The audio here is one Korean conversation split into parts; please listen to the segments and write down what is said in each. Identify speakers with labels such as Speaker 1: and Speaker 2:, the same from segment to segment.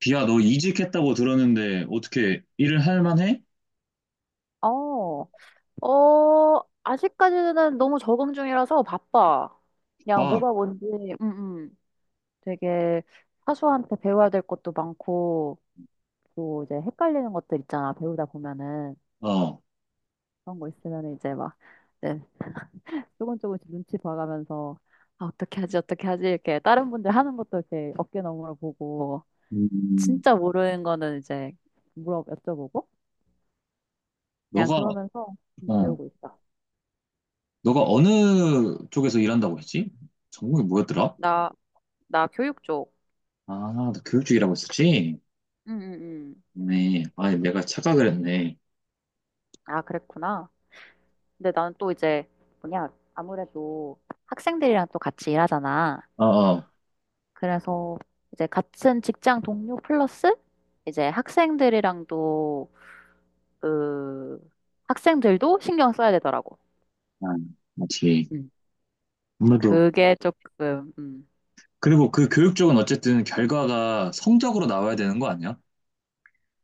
Speaker 1: 비야, 너 이직했다고 들었는데 어떻게 일을 할 만해?
Speaker 2: 어, 어, 아직까지는 너무 적응 중이라서 바빠. 그냥
Speaker 1: 막,
Speaker 2: 뭐가 뭔지, 음, 음. 되게 사수한테 배워야 될 것도 많고, 또 이제 헷갈리는 것들 있잖아. 배우다 보면은.
Speaker 1: 어,
Speaker 2: 그런 거 있으면 이제 막, 네, 조금 조금씩 눈치 봐가면서, 아, 어떻게 하지, 어떻게 하지, 이렇게 다른 분들 하는 것도 이렇게 어깨 너머로 보고,
Speaker 1: 음,
Speaker 2: 진짜 모르는 거는 이제 물어 여쭤보고, 그냥
Speaker 1: 너가,
Speaker 2: 그러면서
Speaker 1: 어,
Speaker 2: 배우고 있어.
Speaker 1: 너가 어느 쪽에서 일한다고 했지? 전공이 뭐였더라?
Speaker 2: 나, 나 교육 쪽.
Speaker 1: 아, 너 교육 쪽이라고 했었지.
Speaker 2: 응, 응, 응.
Speaker 1: 네, 아, 내가 착각을 했네.
Speaker 2: 아, 그랬구나. 근데 나는 또 이제, 뭐냐, 아무래도 학생들이랑 또 같이 일하잖아.
Speaker 1: 어, 어,
Speaker 2: 그래서 이제 같은 직장 동료 플러스 이제 학생들이랑도, 그, 학생들도 신경 써야 되더라고.
Speaker 1: 아, 맞지.
Speaker 2: 음,
Speaker 1: 아무래도.
Speaker 2: 그게 조금,
Speaker 1: 그리고 그 교육 쪽은 어쨌든 결과가 성적으로 나와야 되는 거 아니야?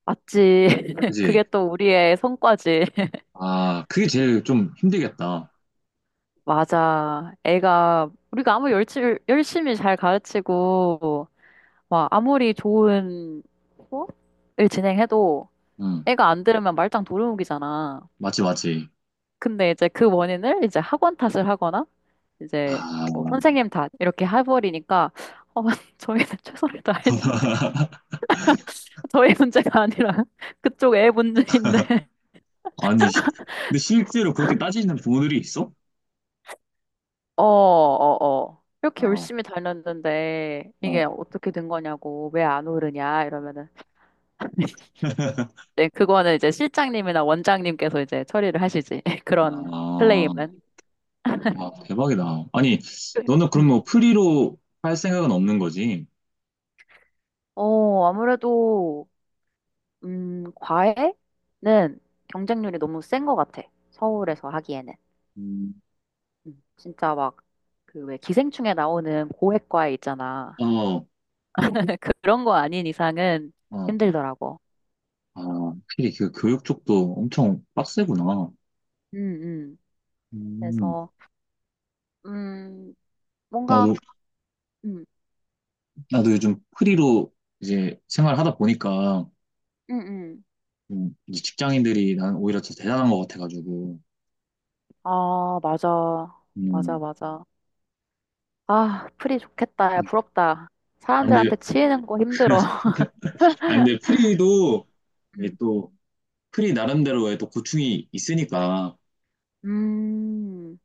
Speaker 2: 맞지. 그게
Speaker 1: 그지?
Speaker 2: 또 우리의 성과지.
Speaker 1: 아, 그게 제일 좀 힘들겠다.
Speaker 2: 맞아. 애가, 우리가 아무리 열심히, 열심히 잘 가르치고, 막 아무리 좋은 수업을 진행해도,
Speaker 1: 응,
Speaker 2: 애가 안 들으면 말짱 도루묵이잖아.
Speaker 1: 맞지, 맞지.
Speaker 2: 근데 이제 그 원인을 이제 학원 탓을 하거나 이제
Speaker 1: 아,
Speaker 2: 뭐 선생님 탓 이렇게 해버리니까 어, 저희는 최선을 다했는데 저희 문제가 아니라 그쪽 애 문제인데
Speaker 1: 아니, 근데 실제로 그렇게 따지는 부모들이 있어?
Speaker 2: 어, 어, 어. 이렇게
Speaker 1: 아,
Speaker 2: 열심히 다녔는데 이게
Speaker 1: 어.
Speaker 2: 어떻게 된 거냐고 왜 안 오르냐 이러면은 네, 그거는 이제 실장님이나 원장님께서 이제 처리를 하시지 그런
Speaker 1: 아,
Speaker 2: 클레임은.
Speaker 1: 와, 대박이다. 아니, 너는 그럼
Speaker 2: 음.
Speaker 1: 뭐 프리로 할 생각은 없는 거지?
Speaker 2: 어, 아무래도 과외는 경쟁률이 너무 센 것 같아. 서울에서 하기에는.
Speaker 1: 음,
Speaker 2: 진짜 막, 그 왜 기생충에 나오는 고액 과외 있잖아.
Speaker 1: 어,
Speaker 2: 그런 거 아닌 이상은
Speaker 1: 어,
Speaker 2: 힘들더라고.
Speaker 1: 아, 확실히 그 교육 쪽도 엄청 빡세구나.
Speaker 2: 음, 음.
Speaker 1: 음,
Speaker 2: 그래서, 음, 뭔가,
Speaker 1: 나도,
Speaker 2: 음,
Speaker 1: 요즘 프리로 이제 생활하다 보니까,
Speaker 2: 음, 음.
Speaker 1: 이제 직장인들이 난 오히려 더 대단한 것 같아가지고,
Speaker 2: 아, 맞아. 맞아,
Speaker 1: 음.
Speaker 2: 맞아. 아, 프리 좋겠다. 야, 부럽다.
Speaker 1: 아, 근데,
Speaker 2: 사람들한테 치이는 거 힘들어.
Speaker 1: 아, 근데 프리도 이게
Speaker 2: 음,
Speaker 1: 또, 프리 나름대로의 또 고충이 있으니까
Speaker 2: 음,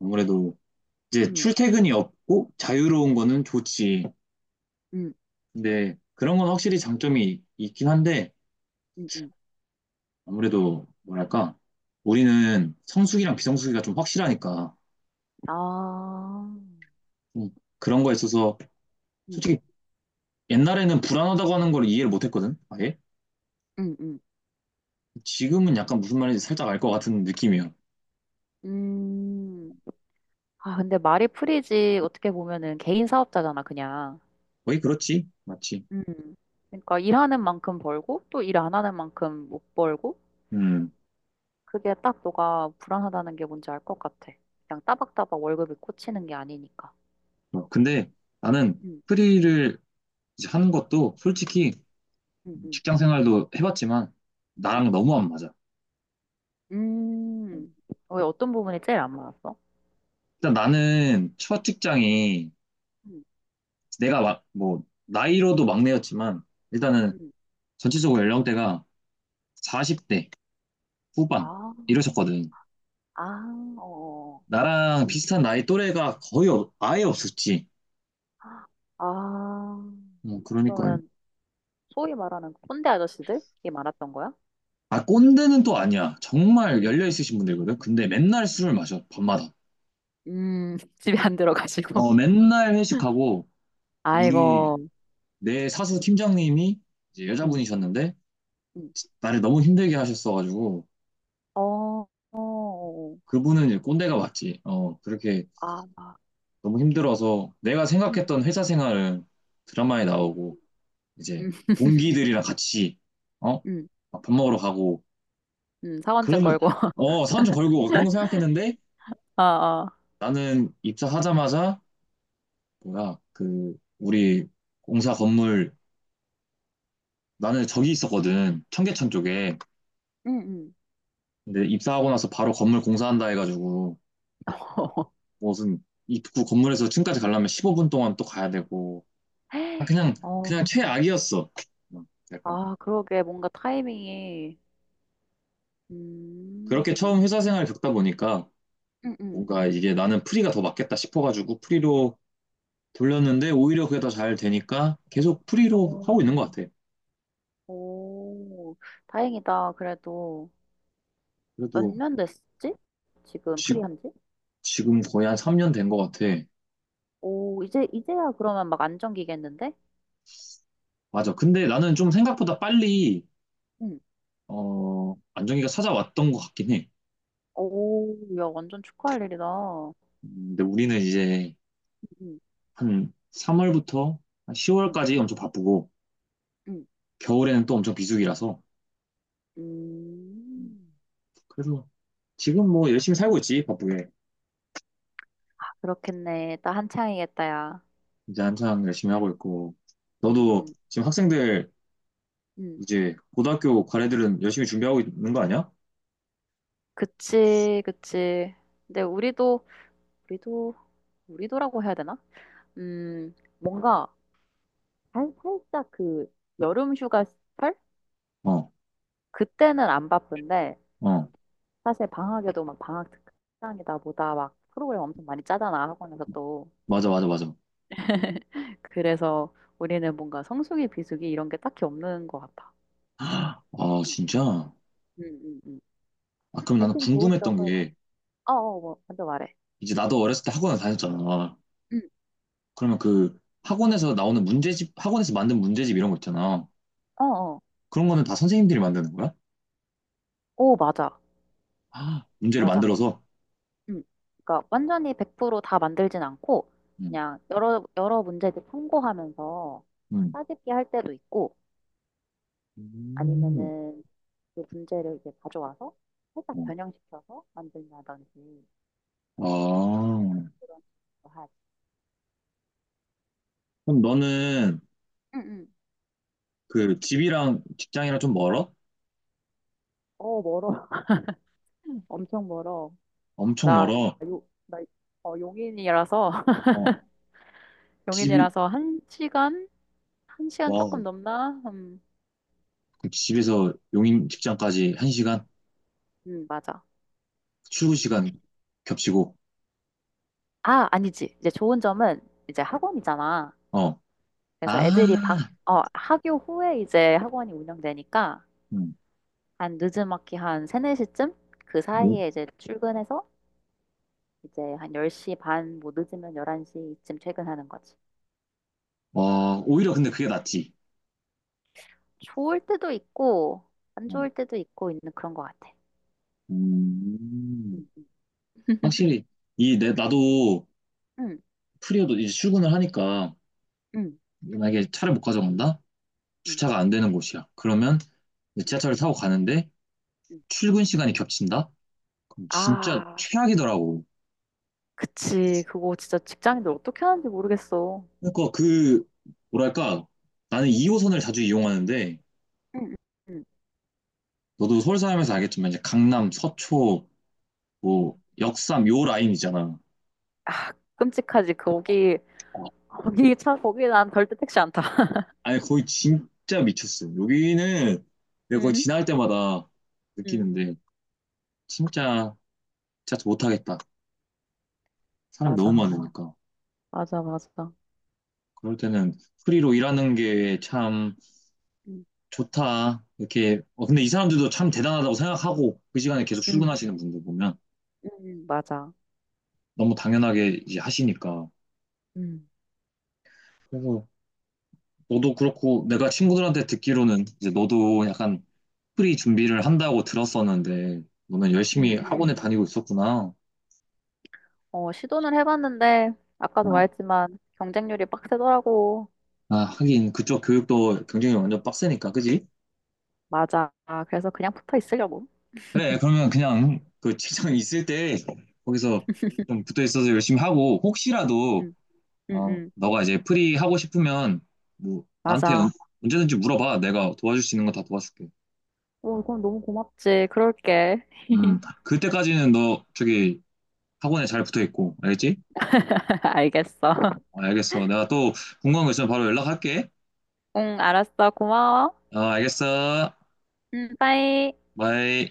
Speaker 1: 아무래도 이제
Speaker 2: 음,
Speaker 1: 출퇴근이 없고 자유로운 거는 좋지.
Speaker 2: 음,
Speaker 1: 근데 그런 건 확실히 장점이 있긴 한데
Speaker 2: 음.
Speaker 1: 아무래도 뭐랄까 우리는 성수기랑 비성수기가 좀 확실하니까
Speaker 2: 아.
Speaker 1: 좀 그런 거에 있어서
Speaker 2: 음.
Speaker 1: 솔직히 옛날에는 불안하다고 하는 걸 이해를 못 했거든. 아예.
Speaker 2: 음, 음.
Speaker 1: 지금은 약간 무슨 말인지 살짝 알 것 같은 느낌이야.
Speaker 2: 음. 아, 근데 말이 프리지 어떻게 보면은 개인 사업자잖아, 그냥.
Speaker 1: 거의 그렇지. 맞지.
Speaker 2: 음, 그러니까 일하는 만큼 벌고 또 일 안 하는 만큼 못 벌고
Speaker 1: 음.
Speaker 2: 그게 딱 너가 불안하다는 게 뭔지 알 것 같아. 그냥 따박따박 월급이 꽂히는 게 아니니까.
Speaker 1: 어, 근데 나는
Speaker 2: 음,
Speaker 1: 프리를 이제 하는 것도 솔직히
Speaker 2: 음, 음,
Speaker 1: 직장 생활도 해봤지만
Speaker 2: 음,
Speaker 1: 나랑 너무 안 맞아. 어.
Speaker 2: 음. 왜 어떤 부분이 제일 안 맞았어?
Speaker 1: 일단 나는 첫
Speaker 2: 음,
Speaker 1: 직장이
Speaker 2: 음,
Speaker 1: 내가 막, 뭐 나이로도 막내였지만 일단은
Speaker 2: 음.
Speaker 1: 전체적으로 연령대가 40대 후반
Speaker 2: 아,
Speaker 1: 이러셨거든.
Speaker 2: 아, 어.
Speaker 1: 나랑 비슷한 나이 또래가 거의 아예 없었지.
Speaker 2: 아,
Speaker 1: 어, 그러니까
Speaker 2: 그러면 소위 말하는 꼰대 아저씨들이 많았던 거야?
Speaker 1: 아 꼰대는 또 아니야. 정말
Speaker 2: 음.
Speaker 1: 열려 있으신 분들이거든. 근데 맨날 술을 마셔 밤마다.
Speaker 2: 집에 안 들어가시고.
Speaker 1: 어, 맨날 회식하고 우리
Speaker 2: 아이고,
Speaker 1: 내 사수 팀장님이 이제
Speaker 2: 음,
Speaker 1: 여자분이셨는데
Speaker 2: 음,
Speaker 1: 나를 너무 힘들게 하셨어가지고
Speaker 2: 어, 어,
Speaker 1: 그분은 이제 꼰대가 맞지. 어, 그렇게
Speaker 2: 아, 아,
Speaker 1: 너무 힘들어서 내가
Speaker 2: 음,
Speaker 1: 생각했던 회사 생활은 드라마에
Speaker 2: 음, 음,
Speaker 1: 나오고 이제 동기들이랑 같이 어?
Speaker 2: 음,
Speaker 1: 밥 먹으러 가고
Speaker 2: 사원증
Speaker 1: 그런,
Speaker 2: 걸고.
Speaker 1: 어, 사원 좀 걸고 그런 거 생각했는데
Speaker 2: 아, 아.
Speaker 1: 나는 입사하자마자 뭐야? 그 우리 공사 건물 나는 저기 있었거든. 청계천 쪽에.
Speaker 2: 응, 응.
Speaker 1: 근데 입사하고 나서 바로 건물 공사한다 해가지고 무슨 입구 건물에서 층까지 가려면 15분 동안 또 가야 되고 아, 그냥
Speaker 2: 어,
Speaker 1: 그냥 최악이었어. 어, 약간
Speaker 2: 아, 그러게, 뭔가 타이밍이,
Speaker 1: 그렇게
Speaker 2: 음,
Speaker 1: 처음 회사 생활 을 겪다 보니까
Speaker 2: 음, 음.
Speaker 1: 뭔가 이게 나는 프리가 더 맞겠다 싶어가지고 프리로 돌렸는데 오히려 그게 더 잘 되니까 계속 프리로 하고
Speaker 2: 오,
Speaker 1: 있는 것 같아.
Speaker 2: 오, 다행이다. 그래도 몇
Speaker 1: 그래도
Speaker 2: 년 됐지? 지금
Speaker 1: 지,
Speaker 2: 프리한 지?
Speaker 1: 지금 거의 한 3년 된 것 같아.
Speaker 2: 오, 이제, 이제야 그러면 막 안정기겠는데?
Speaker 1: 맞아. 근데 나는 좀 생각보다 빨리 어, 안정기가 찾아왔던 것 같긴 해.
Speaker 2: 오, 야, 완전 축하할 일이다.
Speaker 1: 음, 근데 우리는 이제
Speaker 2: 음,
Speaker 1: 한 3월부터 한
Speaker 2: 음,
Speaker 1: 10월까지 엄청 바쁘고
Speaker 2: 음,
Speaker 1: 겨울에는 또 엄청 비수기라서 음,
Speaker 2: 음,
Speaker 1: 그래서 지금
Speaker 2: 음.
Speaker 1: 뭐 열심히 살고 있지, 바쁘게.
Speaker 2: 아, 그렇겠네. 나 한창이겠다, 야.
Speaker 1: 이제 한창 열심히 하고 있고.
Speaker 2: 음,
Speaker 1: 너도
Speaker 2: 음,
Speaker 1: 지금 학생들
Speaker 2: 음.
Speaker 1: 이제 고등학교 과외들은 열심히 준비하고 있는 거 아니야?
Speaker 2: 그치, 그치. 근데 우리도, 우리도, 우리도라고 해야 되나? 음, 뭔가, 살짝 그, 여름 휴가철?
Speaker 1: 어,
Speaker 2: 그때는 안 바쁜데,
Speaker 1: 어,
Speaker 2: 사실 방학에도 막 방학 특강이다 보다 막 프로그램 엄청 많이 짜잖아, 학원에서 또.
Speaker 1: 맞아, 맞아, 맞아.
Speaker 2: 그래서 우리는 뭔가 성수기, 비수기 이런 게 딱히 없는 것 같아.
Speaker 1: 아, 진짜?
Speaker 2: 응, 응, 응.
Speaker 1: 아, 그럼 나는
Speaker 2: 대신 좋은
Speaker 1: 궁금했던
Speaker 2: 점은,
Speaker 1: 게,
Speaker 2: 어, 어, 뭐, 먼저 말해.
Speaker 1: 이제 나도 어렸을 때 학원을 다녔잖아.
Speaker 2: 응,
Speaker 1: 그러면 그 학원에서 나오는 문제집, 학원에서 만든 문제집 이런 거 있잖아.
Speaker 2: 어, 어.
Speaker 1: 그런 거는 다 선생님들이 만드는 거야?
Speaker 2: 오, 맞아.
Speaker 1: 아, 문제를
Speaker 2: 맞아.
Speaker 1: 만들어서?
Speaker 2: 응. 그러니까 완전히 100%다 만들진 않고
Speaker 1: 응,
Speaker 2: 그냥 여러 문제들 참고하면서
Speaker 1: 응.
Speaker 2: 따집기 할 때도 있고
Speaker 1: 음,
Speaker 2: 아니면은 그 문제를 이제 가져와서 살짝
Speaker 1: 어.
Speaker 2: 변형시켜서 만든다든지 응,
Speaker 1: 아,
Speaker 2: 그런 식으로 하지.
Speaker 1: 그럼 너는
Speaker 2: 응, 응.
Speaker 1: 그 집이랑 직장이랑 좀 멀어?
Speaker 2: 어, 멀어. 엄청 멀어.
Speaker 1: 엄청
Speaker 2: 나,
Speaker 1: 멀어.
Speaker 2: 요, 나, 어, 용인이라서,
Speaker 1: 어, 집이
Speaker 2: 용인이라서 1시간? 1시간
Speaker 1: 와,
Speaker 2: 조금 넘나?
Speaker 1: 그 집에서 용인 직장까지 한 시간
Speaker 2: 맞아.
Speaker 1: 출근 시간 겹치고.
Speaker 2: 아, 아니지. 이제 좋은 점은 이제 학원이잖아.
Speaker 1: 어.
Speaker 2: 그래서 애들이 방,
Speaker 1: 아.
Speaker 2: 어, 학교 후에 이제 학원이 운영되니까
Speaker 1: 음.
Speaker 2: 한 늦음막히 한 세네 시쯤그
Speaker 1: 오,
Speaker 2: 사이에 이제 출근해서 이제 한 10시 반, 뭐 늦으면 11시쯤 퇴근하는 거지.
Speaker 1: 와, 오히려 근데 그게 낫지.
Speaker 2: 좋을 때도 있고, 안
Speaker 1: 어.
Speaker 2: 좋을 때도 있고 있는 그런 것 같아.
Speaker 1: 음.
Speaker 2: 응, 응,
Speaker 1: 확실히 이 내 나도
Speaker 2: 응,
Speaker 1: 프리어도 이제 출근을 하니까
Speaker 2: 응,
Speaker 1: 만약에 차를 못 가져간다?
Speaker 2: 응.
Speaker 1: 주차가 안 되는 곳이야. 그러면 이제 지하철을 타고 가는데 출근 시간이 겹친다? 그럼 진짜
Speaker 2: 아,
Speaker 1: 최악이더라고.
Speaker 2: 그치. 그거 진짜 직장인들 어떻게 하는지 모르겠어.
Speaker 1: 그러니까 그 뭐랄까 나는 2호선을 자주 이용하는데
Speaker 2: 응, 응,
Speaker 1: 너도 서울 사람에서 알겠지만 이제 강남, 서초,
Speaker 2: 응,
Speaker 1: 뭐 역삼 요 라인이잖아.
Speaker 2: 아, 끔찍하지. 거기,
Speaker 1: 어,
Speaker 2: 거기 차, 거기 난 절대 택시 안 타.
Speaker 1: 아니 거의 진짜 미쳤어. 여기는 내가 거의
Speaker 2: 응,
Speaker 1: 지날 때마다
Speaker 2: 응,
Speaker 1: 느끼는데 진짜 진짜 못하겠다. 사람이 너무
Speaker 2: 맞아.
Speaker 1: 많으니까.
Speaker 2: 맞아, 맞아.
Speaker 1: 그럴 때는 프리로 일하는 게 참
Speaker 2: 응,
Speaker 1: 좋다. 이렇게 어, 근데 이 사람들도 참 대단하다고 생각하고 그 시간에 계속
Speaker 2: 응,
Speaker 1: 출근하시는 분들 보면
Speaker 2: 응, 맞아.
Speaker 1: 너무 당연하게 이제 하시니까.
Speaker 2: 응
Speaker 1: 그래서 너도 그렇고 내가 친구들한테 듣기로는 이제 너도 약간 프리 준비를 한다고 들었었는데 너는 열심히
Speaker 2: 응, 응.
Speaker 1: 학원에 다니고 있었구나.
Speaker 2: 어, 시도는 해봤는데, 아까도
Speaker 1: 아,
Speaker 2: 말했지만, 경쟁률이 빡세더라고.
Speaker 1: 아, 하긴 그쪽 교육도 경쟁이 완전 빡세니까, 그지?
Speaker 2: 맞아. 아, 그래서 그냥 붙어 있으려고.
Speaker 1: 그래, 그러면 그냥 그 직장 있을 때 거기서 좀 붙어 있어서 열심히 하고 혹시라도
Speaker 2: 응, 응,
Speaker 1: 어,
Speaker 2: 응.
Speaker 1: 너가 이제 프리 하고 싶으면 뭐 나한테
Speaker 2: 맞아.
Speaker 1: 언제든지 물어봐. 내가 도와줄 수 있는 거 다 도와줄게.
Speaker 2: 어, 그럼 너무 고맙지. 그럴게.
Speaker 1: 그때까지는 너 저기 학원에 잘 붙어 있고, 알겠지?
Speaker 2: 알겠어.
Speaker 1: 아, 알겠어. 내가 또 궁금한 거 있으면 바로 연락할게.
Speaker 2: 응, 알았어. 고마워.
Speaker 1: 아, 알겠어.
Speaker 2: 응, 빠이.
Speaker 1: 바이.